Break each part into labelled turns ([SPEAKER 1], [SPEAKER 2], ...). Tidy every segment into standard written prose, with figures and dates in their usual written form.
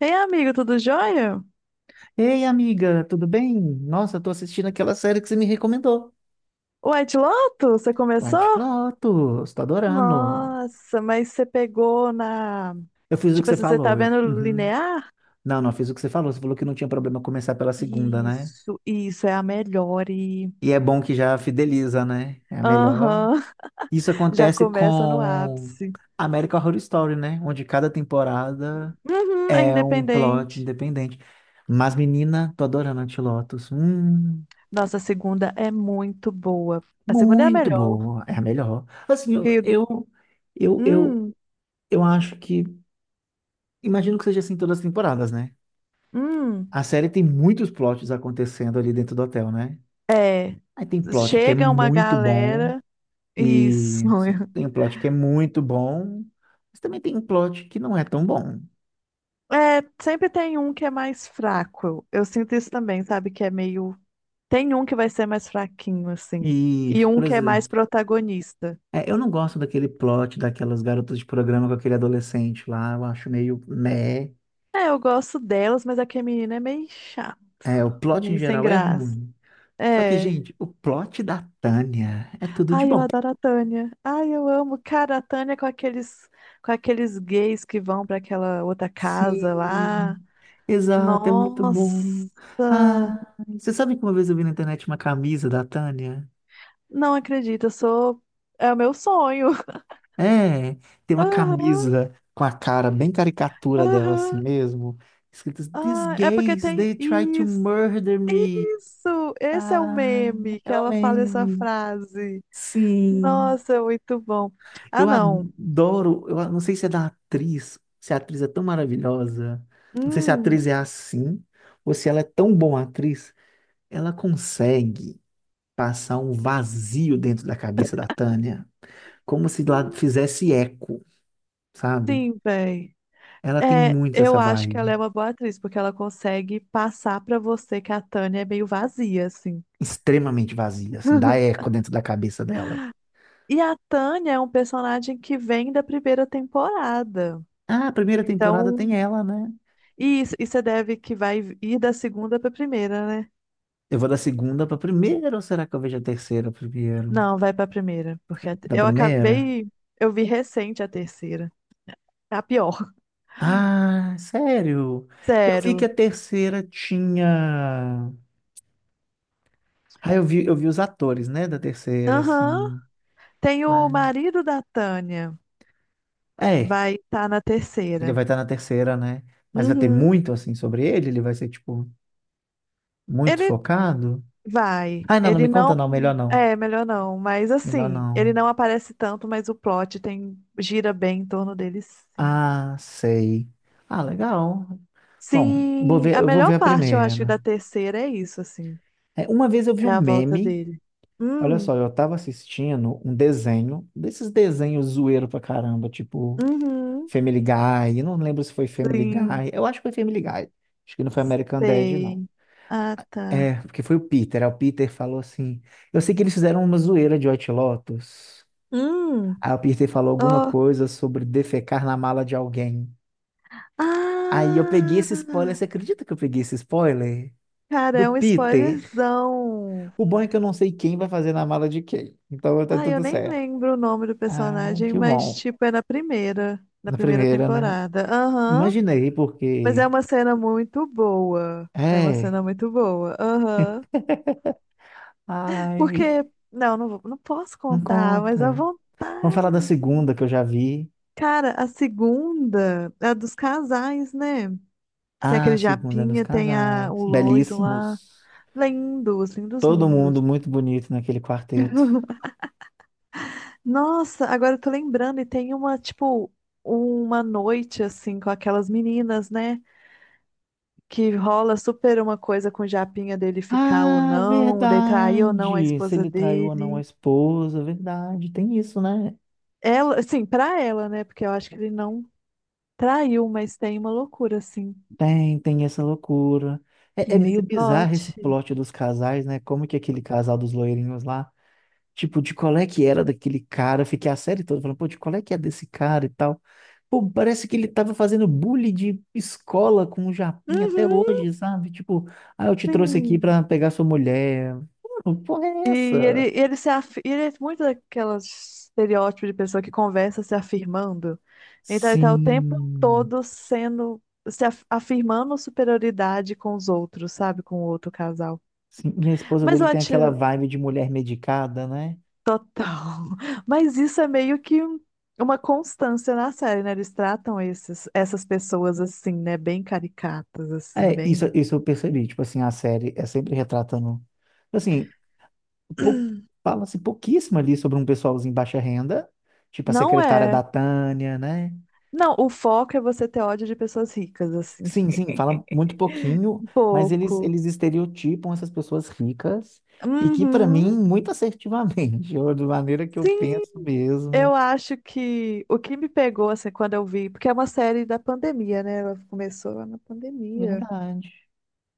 [SPEAKER 1] Ei, amigo, tudo jóia?
[SPEAKER 2] Ei, amiga, tudo bem? Nossa, eu tô assistindo aquela série que você me recomendou.
[SPEAKER 1] White Lotus, você começou?
[SPEAKER 2] White Lotus, tô adorando.
[SPEAKER 1] Nossa, mas você pegou na.
[SPEAKER 2] Eu fiz o que
[SPEAKER 1] Tipo
[SPEAKER 2] você
[SPEAKER 1] assim, você tá
[SPEAKER 2] falou.
[SPEAKER 1] vendo
[SPEAKER 2] Uhum.
[SPEAKER 1] linear?
[SPEAKER 2] Não, não, fiz o que você falou. Você falou que não tinha problema começar pela segunda, né?
[SPEAKER 1] Isso é a melhor. E.
[SPEAKER 2] E é bom que já fideliza, né? É a melhor.
[SPEAKER 1] Aham.
[SPEAKER 2] Isso
[SPEAKER 1] Já
[SPEAKER 2] acontece
[SPEAKER 1] começa no
[SPEAKER 2] com
[SPEAKER 1] ápice.
[SPEAKER 2] American Horror Story, né? Onde cada temporada
[SPEAKER 1] Uhum, é
[SPEAKER 2] é um plot
[SPEAKER 1] independente.
[SPEAKER 2] independente. Mas, menina, tô adorando White Lotus.
[SPEAKER 1] Nossa, a segunda é muito boa. A segunda é a
[SPEAKER 2] Muito
[SPEAKER 1] melhor.
[SPEAKER 2] boa. É a melhor. Assim,
[SPEAKER 1] Que,
[SPEAKER 2] eu, eu,
[SPEAKER 1] hum,
[SPEAKER 2] Eu acho que. Imagino que seja assim todas as temporadas, né?
[SPEAKER 1] hum,
[SPEAKER 2] A série tem muitos plots acontecendo ali dentro do hotel, né?
[SPEAKER 1] é.
[SPEAKER 2] Aí tem plot que é
[SPEAKER 1] Chega uma
[SPEAKER 2] muito bom,
[SPEAKER 1] galera.
[SPEAKER 2] e
[SPEAKER 1] Isso.
[SPEAKER 2] tem um plot que é muito bom, mas também tem um plot que não é tão bom.
[SPEAKER 1] É, sempre tem um que é mais fraco. Eu sinto isso também, sabe? Que é meio. Tem um que vai ser mais fraquinho, assim. E
[SPEAKER 2] Isso,
[SPEAKER 1] um
[SPEAKER 2] por
[SPEAKER 1] que é mais
[SPEAKER 2] exemplo.
[SPEAKER 1] protagonista.
[SPEAKER 2] É, eu não gosto daquele plot daquelas garotas de programa com aquele adolescente lá, eu acho meio meh.
[SPEAKER 1] É, eu gosto delas, mas aquele menino é meio chato,
[SPEAKER 2] É, o plot em
[SPEAKER 1] meio sem
[SPEAKER 2] geral é
[SPEAKER 1] graça.
[SPEAKER 2] ruim. Só que,
[SPEAKER 1] É.
[SPEAKER 2] gente, o plot da Tânia é tudo de
[SPEAKER 1] Ai, eu
[SPEAKER 2] bom.
[SPEAKER 1] adoro a Tânia. Ai, eu amo. Cara, a Tânia com aqueles gays que vão pra aquela outra casa lá.
[SPEAKER 2] Sim, exato, é muito
[SPEAKER 1] Nossa!
[SPEAKER 2] bom. Ah, você sabe que uma vez eu vi na internet uma camisa da Tânia?
[SPEAKER 1] Não acredito, eu sou. É o meu sonho.
[SPEAKER 2] É, tem uma
[SPEAKER 1] Aham,
[SPEAKER 2] camisa com a cara bem caricatura dela assim
[SPEAKER 1] aham.
[SPEAKER 2] mesmo, escritas These
[SPEAKER 1] Ah, é porque
[SPEAKER 2] gays,
[SPEAKER 1] tem
[SPEAKER 2] they try to
[SPEAKER 1] isso.
[SPEAKER 2] murder me.
[SPEAKER 1] Isso! Esse é o
[SPEAKER 2] Ah,
[SPEAKER 1] meme que
[SPEAKER 2] é o
[SPEAKER 1] ela fala essa
[SPEAKER 2] meme.
[SPEAKER 1] frase.
[SPEAKER 2] Sim,
[SPEAKER 1] Nossa, é muito bom. Ah,
[SPEAKER 2] eu
[SPEAKER 1] não.
[SPEAKER 2] adoro, eu não sei se é da atriz, se a atriz é tão maravilhosa, não sei se a
[SPEAKER 1] Hum,
[SPEAKER 2] atriz é assim, ou se ela é tão boa atriz, ela consegue passar um vazio dentro da cabeça da Tânia, como se lá fizesse eco, sabe?
[SPEAKER 1] sim, véi.
[SPEAKER 2] Ela tem
[SPEAKER 1] É,
[SPEAKER 2] muito
[SPEAKER 1] eu
[SPEAKER 2] essa
[SPEAKER 1] acho que ela é
[SPEAKER 2] vibe,
[SPEAKER 1] uma boa atriz, porque ela consegue passar pra você que a Tânia é meio vazia, assim.
[SPEAKER 2] extremamente vazia, assim, dá eco dentro da cabeça dela.
[SPEAKER 1] E a Tânia é um personagem que vem da primeira temporada.
[SPEAKER 2] Ah, a primeira temporada
[SPEAKER 1] Então,
[SPEAKER 2] tem ela, né?
[SPEAKER 1] e isso, e você deve que vai ir da segunda pra primeira, né?
[SPEAKER 2] Eu vou da segunda pra primeira, ou será que eu vejo a terceira primeiro?
[SPEAKER 1] Não, vai pra primeira, porque
[SPEAKER 2] Da
[SPEAKER 1] eu
[SPEAKER 2] primeira?
[SPEAKER 1] acabei, eu vi recente a terceira. É a pior.
[SPEAKER 2] Ah, sério? Eu vi que a
[SPEAKER 1] Sério.
[SPEAKER 2] terceira tinha. Ah, eu vi os atores, né, da terceira,
[SPEAKER 1] Aham.
[SPEAKER 2] assim.
[SPEAKER 1] Tem o
[SPEAKER 2] Ai.
[SPEAKER 1] marido da Tânia,
[SPEAKER 2] É,
[SPEAKER 1] vai estar na
[SPEAKER 2] ele
[SPEAKER 1] terceira.
[SPEAKER 2] vai estar na terceira, né? Mas vai ter
[SPEAKER 1] Uhum.
[SPEAKER 2] muito assim sobre ele? Ele vai ser, tipo, muito
[SPEAKER 1] Ele
[SPEAKER 2] focado?
[SPEAKER 1] vai,
[SPEAKER 2] Ai, não, não me
[SPEAKER 1] ele
[SPEAKER 2] conta,
[SPEAKER 1] não,
[SPEAKER 2] não. Melhor não.
[SPEAKER 1] é, melhor não, mas
[SPEAKER 2] Melhor
[SPEAKER 1] assim, ele
[SPEAKER 2] não.
[SPEAKER 1] não aparece tanto, mas o plot tem gira bem em torno dele, sim.
[SPEAKER 2] Ah, sei. Ah, legal. Bom, vou
[SPEAKER 1] Sim,
[SPEAKER 2] ver,
[SPEAKER 1] a
[SPEAKER 2] eu vou ver
[SPEAKER 1] melhor
[SPEAKER 2] a
[SPEAKER 1] parte, eu acho,
[SPEAKER 2] primeira.
[SPEAKER 1] da terceira é isso, assim,
[SPEAKER 2] É, uma vez eu vi
[SPEAKER 1] é
[SPEAKER 2] um
[SPEAKER 1] a volta
[SPEAKER 2] meme.
[SPEAKER 1] dele.
[SPEAKER 2] Olha
[SPEAKER 1] Hum,
[SPEAKER 2] só, eu tava assistindo um desenho, desses desenhos zoeiro pra caramba, tipo
[SPEAKER 1] uhum,
[SPEAKER 2] Family Guy. Eu não lembro se foi Family
[SPEAKER 1] sim.
[SPEAKER 2] Guy. Eu acho que foi Family Guy. Acho que não foi American Dad, não.
[SPEAKER 1] Sei. Ah,
[SPEAKER 2] É,
[SPEAKER 1] tá.
[SPEAKER 2] porque foi o Peter. Aí o Peter falou assim: eu sei que eles fizeram uma zoeira de White Lotus.
[SPEAKER 1] Hum.
[SPEAKER 2] Aí o Peter falou alguma
[SPEAKER 1] Oh.
[SPEAKER 2] coisa sobre defecar na mala de alguém. Aí eu peguei esse spoiler.
[SPEAKER 1] Ah!
[SPEAKER 2] Você acredita que eu peguei esse spoiler?
[SPEAKER 1] Cara,
[SPEAKER 2] Do
[SPEAKER 1] é um
[SPEAKER 2] Peter.
[SPEAKER 1] spoilerzão.
[SPEAKER 2] O bom é que eu não sei quem vai fazer na mala de quem. Então tá
[SPEAKER 1] Ah, eu
[SPEAKER 2] tudo
[SPEAKER 1] nem
[SPEAKER 2] certo.
[SPEAKER 1] lembro o nome do
[SPEAKER 2] Ah,
[SPEAKER 1] personagem,
[SPEAKER 2] que
[SPEAKER 1] mas,
[SPEAKER 2] bom.
[SPEAKER 1] tipo, é na primeira, na
[SPEAKER 2] Na
[SPEAKER 1] primeira
[SPEAKER 2] primeira, né?
[SPEAKER 1] temporada. Aham.
[SPEAKER 2] Imaginei,
[SPEAKER 1] Mas é
[SPEAKER 2] porque.
[SPEAKER 1] uma cena muito boa. É uma
[SPEAKER 2] É.
[SPEAKER 1] cena muito boa. Aham. Porque,
[SPEAKER 2] Ai,
[SPEAKER 1] não, não, não posso
[SPEAKER 2] não
[SPEAKER 1] contar, mas à
[SPEAKER 2] conta. Vamos falar da
[SPEAKER 1] vontade.
[SPEAKER 2] segunda que eu já vi.
[SPEAKER 1] Cara, a segunda é a dos casais, né? Tem
[SPEAKER 2] Ah,
[SPEAKER 1] aquele
[SPEAKER 2] a segunda nos
[SPEAKER 1] japinha,
[SPEAKER 2] casais.
[SPEAKER 1] o loiro lá.
[SPEAKER 2] Belíssimos.
[SPEAKER 1] Lindos, lindos,
[SPEAKER 2] Todo mundo
[SPEAKER 1] lindos.
[SPEAKER 2] muito bonito naquele quarteto.
[SPEAKER 1] Nossa, agora eu tô lembrando, e tem uma, tipo, uma noite, assim, com aquelas meninas, né? Que rola super uma coisa com o japinha dele ficar ou
[SPEAKER 2] Ah,
[SPEAKER 1] não, de trair ou não a
[SPEAKER 2] verdade! Se
[SPEAKER 1] esposa
[SPEAKER 2] ele traiu ou não a
[SPEAKER 1] dele.
[SPEAKER 2] esposa, verdade. Tem isso, né?
[SPEAKER 1] Ela, assim, pra ela, né? Porque eu acho que ele não traiu, mas tem uma loucura, assim.
[SPEAKER 2] Tem, tem essa loucura. É, é
[SPEAKER 1] Tem
[SPEAKER 2] meio
[SPEAKER 1] esse
[SPEAKER 2] bizarro esse
[SPEAKER 1] plot.
[SPEAKER 2] plot dos casais, né? Como que aquele casal dos loirinhos lá, tipo, de qual é que era daquele cara? Eu fiquei a série toda falando, pô, de qual é que é desse cara e tal. Pô, parece que ele tava fazendo bullying de escola com o Japinha até
[SPEAKER 1] Uhum,
[SPEAKER 2] hoje, sabe? Tipo, ah, eu te trouxe aqui
[SPEAKER 1] sim.
[SPEAKER 2] pra pegar sua mulher. Pô, que porra é
[SPEAKER 1] E
[SPEAKER 2] essa?
[SPEAKER 1] e ele se af... e ele é muito daquelas estereótipo de pessoa que conversa se afirmando. Então ele tá o tempo
[SPEAKER 2] Sim,
[SPEAKER 1] todo sendo se af- afirmando superioridade com os outros, sabe? Com o outro casal.
[SPEAKER 2] sim. E a esposa
[SPEAKER 1] Mas
[SPEAKER 2] dele
[SPEAKER 1] eu
[SPEAKER 2] tem
[SPEAKER 1] acho
[SPEAKER 2] aquela vibe de mulher medicada, né?
[SPEAKER 1] total. Mas isso é meio que uma constância na série, né? Eles tratam essas pessoas assim, né? Bem caricatas, assim,
[SPEAKER 2] É, isso,
[SPEAKER 1] bem.
[SPEAKER 2] isso eu percebi. Tipo assim, a série é sempre retratando. Assim, pou- fala-se pouquíssimo ali sobre um pessoalzinho baixa renda, tipo a
[SPEAKER 1] Não
[SPEAKER 2] secretária
[SPEAKER 1] é.
[SPEAKER 2] da Tânia, né?
[SPEAKER 1] Não, o foco é você ter ódio de pessoas ricas, assim.
[SPEAKER 2] Sim, sim, fala muito pouquinho,
[SPEAKER 1] Um
[SPEAKER 2] mas eles,
[SPEAKER 1] pouco.
[SPEAKER 2] eles estereotipam essas pessoas ricas e que, para mim,
[SPEAKER 1] Uhum.
[SPEAKER 2] muito assertivamente, ou de maneira que eu
[SPEAKER 1] Sim,
[SPEAKER 2] penso
[SPEAKER 1] eu
[SPEAKER 2] mesmo.
[SPEAKER 1] acho que o que me pegou, assim, quando eu vi, porque é uma série da pandemia, né? Ela começou lá na pandemia.
[SPEAKER 2] Verdade.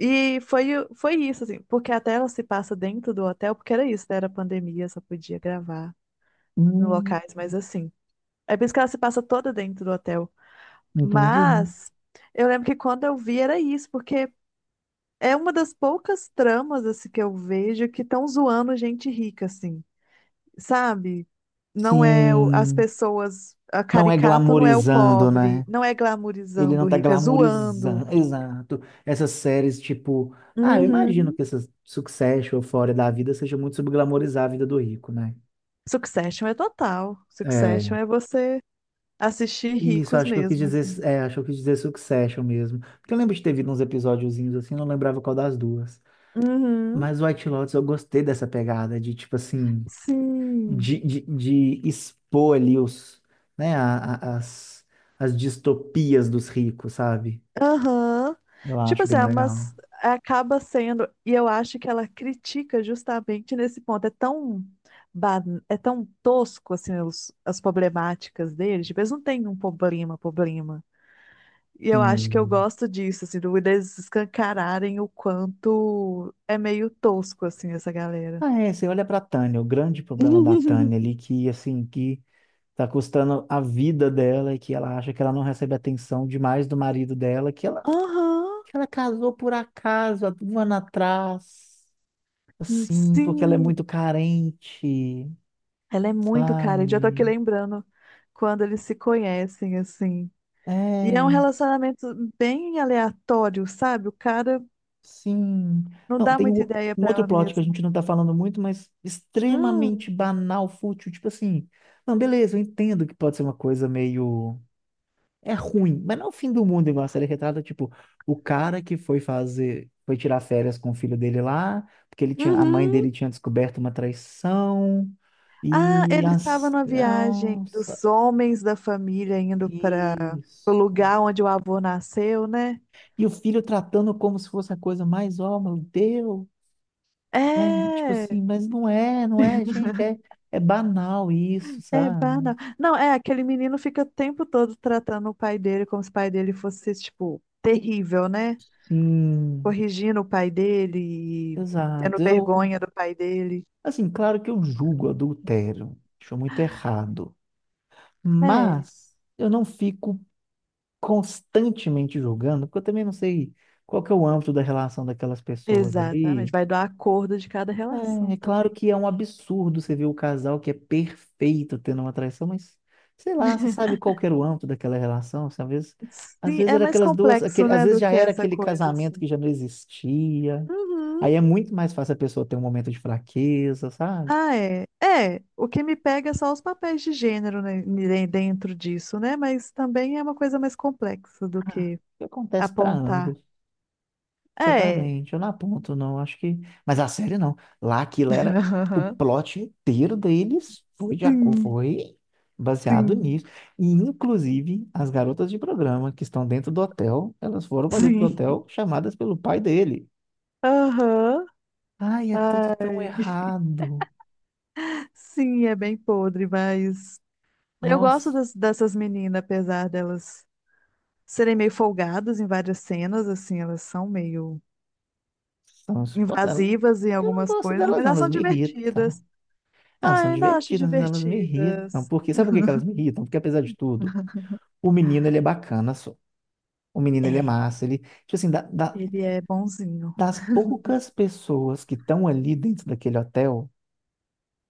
[SPEAKER 1] E foi isso, assim, porque até ela se passa dentro do hotel, porque era isso, né? Era pandemia, só podia gravar em
[SPEAKER 2] Hum,
[SPEAKER 1] locais, mas assim. É por isso que ela se passa toda dentro do hotel.
[SPEAKER 2] entendi.
[SPEAKER 1] Mas eu lembro que quando eu vi era isso, porque é uma das poucas tramas, assim, que eu vejo que estão zoando gente rica, assim, sabe? Não é as
[SPEAKER 2] Sim.
[SPEAKER 1] pessoas, a
[SPEAKER 2] Não é
[SPEAKER 1] caricata não é o
[SPEAKER 2] glamorizando,
[SPEAKER 1] pobre,
[SPEAKER 2] né?
[SPEAKER 1] não é
[SPEAKER 2] Ele
[SPEAKER 1] glamourizando
[SPEAKER 2] não
[SPEAKER 1] o
[SPEAKER 2] tá
[SPEAKER 1] rico, é zoando.
[SPEAKER 2] glamorizando. Exato. Essas séries, tipo. Ah, eu imagino
[SPEAKER 1] Uhum.
[SPEAKER 2] que essas Succession, Euphoria da vida seja muito sobre glamorizar a vida do rico, né?
[SPEAKER 1] Succession é total. Succession
[SPEAKER 2] É.
[SPEAKER 1] é você assistir
[SPEAKER 2] Isso,
[SPEAKER 1] ricos
[SPEAKER 2] acho que eu quis
[SPEAKER 1] mesmo, assim.
[SPEAKER 2] dizer. É, acho que eu quis dizer Succession mesmo. Porque eu lembro de ter visto uns episódiozinhos assim, não lembrava qual das duas.
[SPEAKER 1] Uhum.
[SPEAKER 2] Mas White Lotus, eu gostei dessa pegada de, tipo assim.
[SPEAKER 1] Sim.
[SPEAKER 2] De expor ali os. Né, as distopias dos ricos, sabe?
[SPEAKER 1] Aham.
[SPEAKER 2] Eu
[SPEAKER 1] Tipo
[SPEAKER 2] acho
[SPEAKER 1] assim,
[SPEAKER 2] bem
[SPEAKER 1] ah,
[SPEAKER 2] legal.
[SPEAKER 1] mas acaba sendo, e eu acho que ela critica justamente nesse ponto. Ba- é tão tosco assim as problemáticas deles. Tipo, eles não têm um problema, problema. E eu acho que eu
[SPEAKER 2] Sim.
[SPEAKER 1] gosto disso, assim, eles escancararem o quanto é meio tosco, assim, essa galera.
[SPEAKER 2] Ah, é, você olha pra Tânia, o grande problema da Tânia ali, que assim, que tá custando a vida dela e que ela acha que ela não recebe atenção demais do marido dela,
[SPEAKER 1] Aham.
[SPEAKER 2] que ela casou por acaso, há um ano atrás, assim, porque ela é
[SPEAKER 1] Sim,
[SPEAKER 2] muito carente,
[SPEAKER 1] ela é muito cara. Eu já tô aqui
[SPEAKER 2] sabe?
[SPEAKER 1] lembrando quando eles se conhecem, assim. E é um
[SPEAKER 2] É,
[SPEAKER 1] relacionamento bem aleatório, sabe? O cara
[SPEAKER 2] sim.
[SPEAKER 1] não
[SPEAKER 2] Não,
[SPEAKER 1] dá
[SPEAKER 2] tem um,
[SPEAKER 1] muita ideia
[SPEAKER 2] um
[SPEAKER 1] pra
[SPEAKER 2] outro
[SPEAKER 1] ela
[SPEAKER 2] plot que a
[SPEAKER 1] mesma.
[SPEAKER 2] gente não tá falando muito, mas extremamente
[SPEAKER 1] Hum.
[SPEAKER 2] banal, fútil, tipo assim, não, beleza, eu entendo que pode ser uma coisa meio é ruim, mas não é o fim do mundo igual a série retrata, tipo, o cara que foi fazer, foi tirar férias com o filho dele lá, porque ele tinha, a mãe
[SPEAKER 1] Uhum.
[SPEAKER 2] dele tinha descoberto uma traição,
[SPEAKER 1] Ah,
[SPEAKER 2] e
[SPEAKER 1] ele estava
[SPEAKER 2] as,
[SPEAKER 1] numa viagem
[SPEAKER 2] nossa,
[SPEAKER 1] dos homens da família indo para o
[SPEAKER 2] isso.
[SPEAKER 1] lugar onde o avô nasceu, né?
[SPEAKER 2] E o filho tratando como se fosse a coisa mais, ó, meu Deus, né? Tipo
[SPEAKER 1] É,
[SPEAKER 2] assim, mas não é, não é, gente, é, é banal isso,
[SPEAKER 1] é
[SPEAKER 2] sabe?
[SPEAKER 1] banal. Não, é, aquele menino fica o tempo todo tratando o pai dele como se o pai dele fosse, tipo, terrível, né?
[SPEAKER 2] Sim,
[SPEAKER 1] Corrigindo o pai dele e tendo
[SPEAKER 2] exato. Eu,
[SPEAKER 1] vergonha do pai dele.
[SPEAKER 2] assim, claro que eu julgo adultério, acho muito errado.
[SPEAKER 1] É,
[SPEAKER 2] Mas eu não fico constantemente julgando, porque eu também não sei qual que é o âmbito da relação daquelas pessoas
[SPEAKER 1] exatamente.
[SPEAKER 2] ali.
[SPEAKER 1] Vai do acordo de cada
[SPEAKER 2] É,
[SPEAKER 1] relação
[SPEAKER 2] é claro
[SPEAKER 1] também.
[SPEAKER 2] que é um absurdo você ver o casal que é perfeito tendo uma traição, mas sei lá, você sabe qual que era o âmbito daquela relação, assim, às
[SPEAKER 1] Sim,
[SPEAKER 2] vezes
[SPEAKER 1] é
[SPEAKER 2] era
[SPEAKER 1] mais
[SPEAKER 2] aquelas duas,
[SPEAKER 1] complexo,
[SPEAKER 2] aquele, às
[SPEAKER 1] né,
[SPEAKER 2] vezes
[SPEAKER 1] do
[SPEAKER 2] já
[SPEAKER 1] que
[SPEAKER 2] era
[SPEAKER 1] essa
[SPEAKER 2] aquele
[SPEAKER 1] coisa,
[SPEAKER 2] casamento
[SPEAKER 1] assim.
[SPEAKER 2] que já não existia.
[SPEAKER 1] Uhum.
[SPEAKER 2] Aí é muito mais fácil a pessoa ter um momento de fraqueza, sabe?
[SPEAKER 1] Ah, é. É, o que me pega é só os papéis de gênero, né, dentro disso, né? Mas também é uma coisa mais complexa do que
[SPEAKER 2] Acontece para
[SPEAKER 1] apontar.
[SPEAKER 2] ambos.
[SPEAKER 1] É.
[SPEAKER 2] Exatamente, eu não aponto, não, acho que. Mas a série não. Lá aquilo era. O
[SPEAKER 1] Aham.
[SPEAKER 2] plot inteiro deles foi de acordo,
[SPEAKER 1] Sim,
[SPEAKER 2] foi baseado
[SPEAKER 1] sim,
[SPEAKER 2] nisso. E, inclusive, as garotas de programa que estão dentro do hotel, elas foram para dentro do
[SPEAKER 1] sim.
[SPEAKER 2] hotel chamadas pelo pai dele.
[SPEAKER 1] Aham.
[SPEAKER 2] Ai, é tudo tão
[SPEAKER 1] Ai.
[SPEAKER 2] errado.
[SPEAKER 1] Sim, é bem podre, mas eu gosto
[SPEAKER 2] Nossa,
[SPEAKER 1] dessas meninas, apesar delas serem meio folgadas em várias cenas, assim, elas são meio
[SPEAKER 2] são insuportáveis.
[SPEAKER 1] invasivas em
[SPEAKER 2] Eu não
[SPEAKER 1] algumas
[SPEAKER 2] gosto
[SPEAKER 1] coisas,
[SPEAKER 2] delas,
[SPEAKER 1] mas
[SPEAKER 2] não,
[SPEAKER 1] elas
[SPEAKER 2] elas
[SPEAKER 1] são
[SPEAKER 2] me irritam.
[SPEAKER 1] divertidas.
[SPEAKER 2] Ah, elas
[SPEAKER 1] Ah,
[SPEAKER 2] são
[SPEAKER 1] eu ainda acho
[SPEAKER 2] divertidas, mas elas me irritam.
[SPEAKER 1] divertidas.
[SPEAKER 2] Porque, sabe por que que elas me irritam? Porque, apesar de tudo, o menino ele é bacana. O menino, ele é
[SPEAKER 1] É,
[SPEAKER 2] massa. Ele, tipo assim, da- da-
[SPEAKER 1] ele é bonzinho.
[SPEAKER 2] das poucas pessoas que estão ali dentro daquele hotel,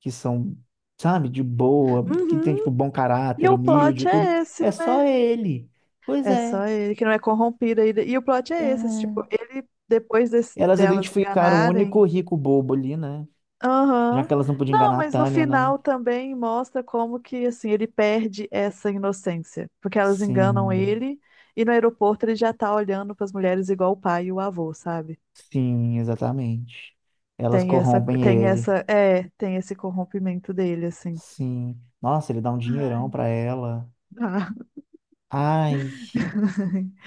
[SPEAKER 2] que são, sabe, de boa, que tem, tipo,
[SPEAKER 1] Uhum.
[SPEAKER 2] bom
[SPEAKER 1] E
[SPEAKER 2] caráter,
[SPEAKER 1] o
[SPEAKER 2] humilde e
[SPEAKER 1] plot
[SPEAKER 2] tudo,
[SPEAKER 1] é esse,
[SPEAKER 2] é só
[SPEAKER 1] né?
[SPEAKER 2] ele. Pois
[SPEAKER 1] É
[SPEAKER 2] é.
[SPEAKER 1] só ele que não é corrompido ainda. E o plot é esse, assim, tipo,
[SPEAKER 2] é.
[SPEAKER 1] ele, depois
[SPEAKER 2] Elas
[SPEAKER 1] delas
[SPEAKER 2] identificaram o único
[SPEAKER 1] enganarem.
[SPEAKER 2] rico bobo ali, né? Já
[SPEAKER 1] Aham.
[SPEAKER 2] que elas não podiam
[SPEAKER 1] Não,
[SPEAKER 2] enganar a
[SPEAKER 1] mas no
[SPEAKER 2] Tânia, né?
[SPEAKER 1] final também mostra como que, assim, ele perde essa inocência. Porque elas enganam
[SPEAKER 2] Sim,
[SPEAKER 1] ele e no aeroporto ele já tá olhando pras mulheres igual o pai e o avô, sabe?
[SPEAKER 2] sim, exatamente. Elas
[SPEAKER 1] Tem essa,
[SPEAKER 2] corrompem
[SPEAKER 1] tem
[SPEAKER 2] ele.
[SPEAKER 1] essa, é, tem esse corrompimento dele, assim.
[SPEAKER 2] Sim. Nossa, ele dá um dinheirão pra ela.
[SPEAKER 1] Ah,
[SPEAKER 2] Ai.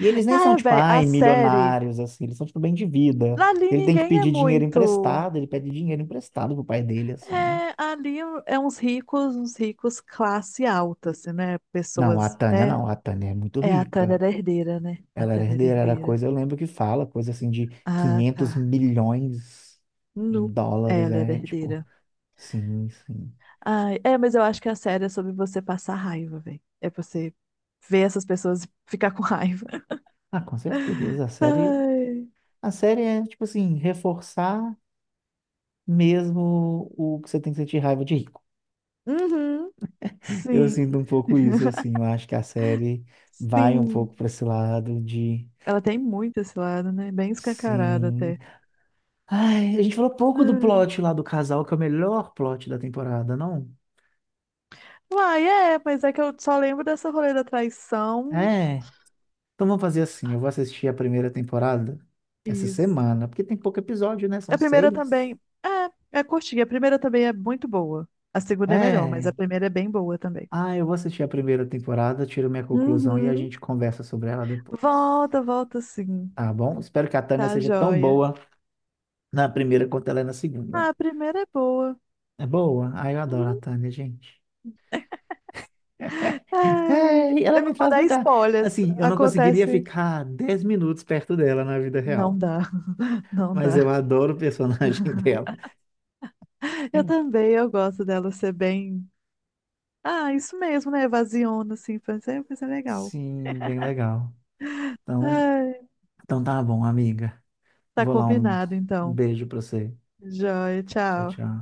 [SPEAKER 2] E eles nem são,
[SPEAKER 1] ah
[SPEAKER 2] tipo,
[SPEAKER 1] velho, a
[SPEAKER 2] ai,
[SPEAKER 1] série.
[SPEAKER 2] milionários, assim, eles são, tipo, bem de vida.
[SPEAKER 1] Ali
[SPEAKER 2] Ele tem que
[SPEAKER 1] ninguém é
[SPEAKER 2] pedir dinheiro
[SPEAKER 1] muito.
[SPEAKER 2] emprestado, ele pede dinheiro emprestado pro pai dele, assim.
[SPEAKER 1] É, ali é uns ricos classe alta, assim, né?
[SPEAKER 2] Não, a
[SPEAKER 1] Pessoas,
[SPEAKER 2] Tânia
[SPEAKER 1] né?
[SPEAKER 2] não, a Tânia é muito
[SPEAKER 1] É, a Tânia
[SPEAKER 2] rica.
[SPEAKER 1] era herdeira, né? A
[SPEAKER 2] Ela era
[SPEAKER 1] Tânia era
[SPEAKER 2] herdeira, era
[SPEAKER 1] herdeira.
[SPEAKER 2] coisa, eu lembro que fala, coisa assim de
[SPEAKER 1] Ah,
[SPEAKER 2] 500
[SPEAKER 1] tá.
[SPEAKER 2] milhões de
[SPEAKER 1] Nu. É,
[SPEAKER 2] dólares,
[SPEAKER 1] ela era
[SPEAKER 2] é, tipo,
[SPEAKER 1] herdeira.
[SPEAKER 2] sim, sim.
[SPEAKER 1] Ai, é, mas eu acho que a série é sobre você passar raiva, velho. É você ver essas pessoas e ficar com raiva.
[SPEAKER 2] Ah, com certeza,
[SPEAKER 1] Ai.
[SPEAKER 2] a série é, tipo assim, reforçar mesmo o que você tem que sentir raiva de rico.
[SPEAKER 1] Uhum.
[SPEAKER 2] Eu
[SPEAKER 1] Sim,
[SPEAKER 2] sinto um pouco isso, assim. Eu acho que a série vai um
[SPEAKER 1] sim.
[SPEAKER 2] pouco para esse lado de.
[SPEAKER 1] Ela tem muito esse lado, né? Bem escancarado
[SPEAKER 2] Sim.
[SPEAKER 1] até.
[SPEAKER 2] Ai, a gente falou pouco do
[SPEAKER 1] Ai.
[SPEAKER 2] plot lá do casal, que é o melhor plot da temporada, não?
[SPEAKER 1] Uai, é, mas é que eu só lembro dessa rolê da traição.
[SPEAKER 2] É. Então vamos fazer assim: eu vou assistir a primeira temporada essa
[SPEAKER 1] Isso.
[SPEAKER 2] semana, porque tem pouco episódio, né?
[SPEAKER 1] A
[SPEAKER 2] São
[SPEAKER 1] primeira
[SPEAKER 2] seis.
[SPEAKER 1] também. É, é curtinha. A primeira também é muito boa. A segunda é melhor, mas
[SPEAKER 2] É.
[SPEAKER 1] a primeira é bem boa também.
[SPEAKER 2] Ah, eu vou assistir a primeira temporada, tiro minha conclusão e a
[SPEAKER 1] Uhum.
[SPEAKER 2] gente conversa sobre ela depois.
[SPEAKER 1] Volta, volta sim.
[SPEAKER 2] Tá bom? Espero que a Tânia
[SPEAKER 1] Tá
[SPEAKER 2] seja tão
[SPEAKER 1] joia.
[SPEAKER 2] boa na primeira quanto ela é na segunda.
[SPEAKER 1] Ah, a primeira é boa.
[SPEAKER 2] É boa. Ai, eu adoro a
[SPEAKER 1] Uhum.
[SPEAKER 2] Tânia, gente.
[SPEAKER 1] Ai,
[SPEAKER 2] Ai, ela
[SPEAKER 1] eu
[SPEAKER 2] me
[SPEAKER 1] não vou
[SPEAKER 2] faz
[SPEAKER 1] dar
[SPEAKER 2] me dar.
[SPEAKER 1] spoilers.
[SPEAKER 2] Assim, eu não conseguiria
[SPEAKER 1] Acontece.
[SPEAKER 2] ficar 10 minutos perto dela na vida
[SPEAKER 1] Não
[SPEAKER 2] real.
[SPEAKER 1] dá, não
[SPEAKER 2] Mas eu
[SPEAKER 1] dá.
[SPEAKER 2] adoro o personagem dela.
[SPEAKER 1] Eu também, eu gosto dela ser bem. Ah, isso mesmo, né? Evasiona, assim. Vai ser legal.
[SPEAKER 2] Sim, bem legal. Então,
[SPEAKER 1] Ai,
[SPEAKER 2] tá bom, amiga.
[SPEAKER 1] tá
[SPEAKER 2] Vou lá um
[SPEAKER 1] combinado, então.
[SPEAKER 2] beijo pra você.
[SPEAKER 1] Joia,
[SPEAKER 2] Tchau,
[SPEAKER 1] tchau.
[SPEAKER 2] tchau.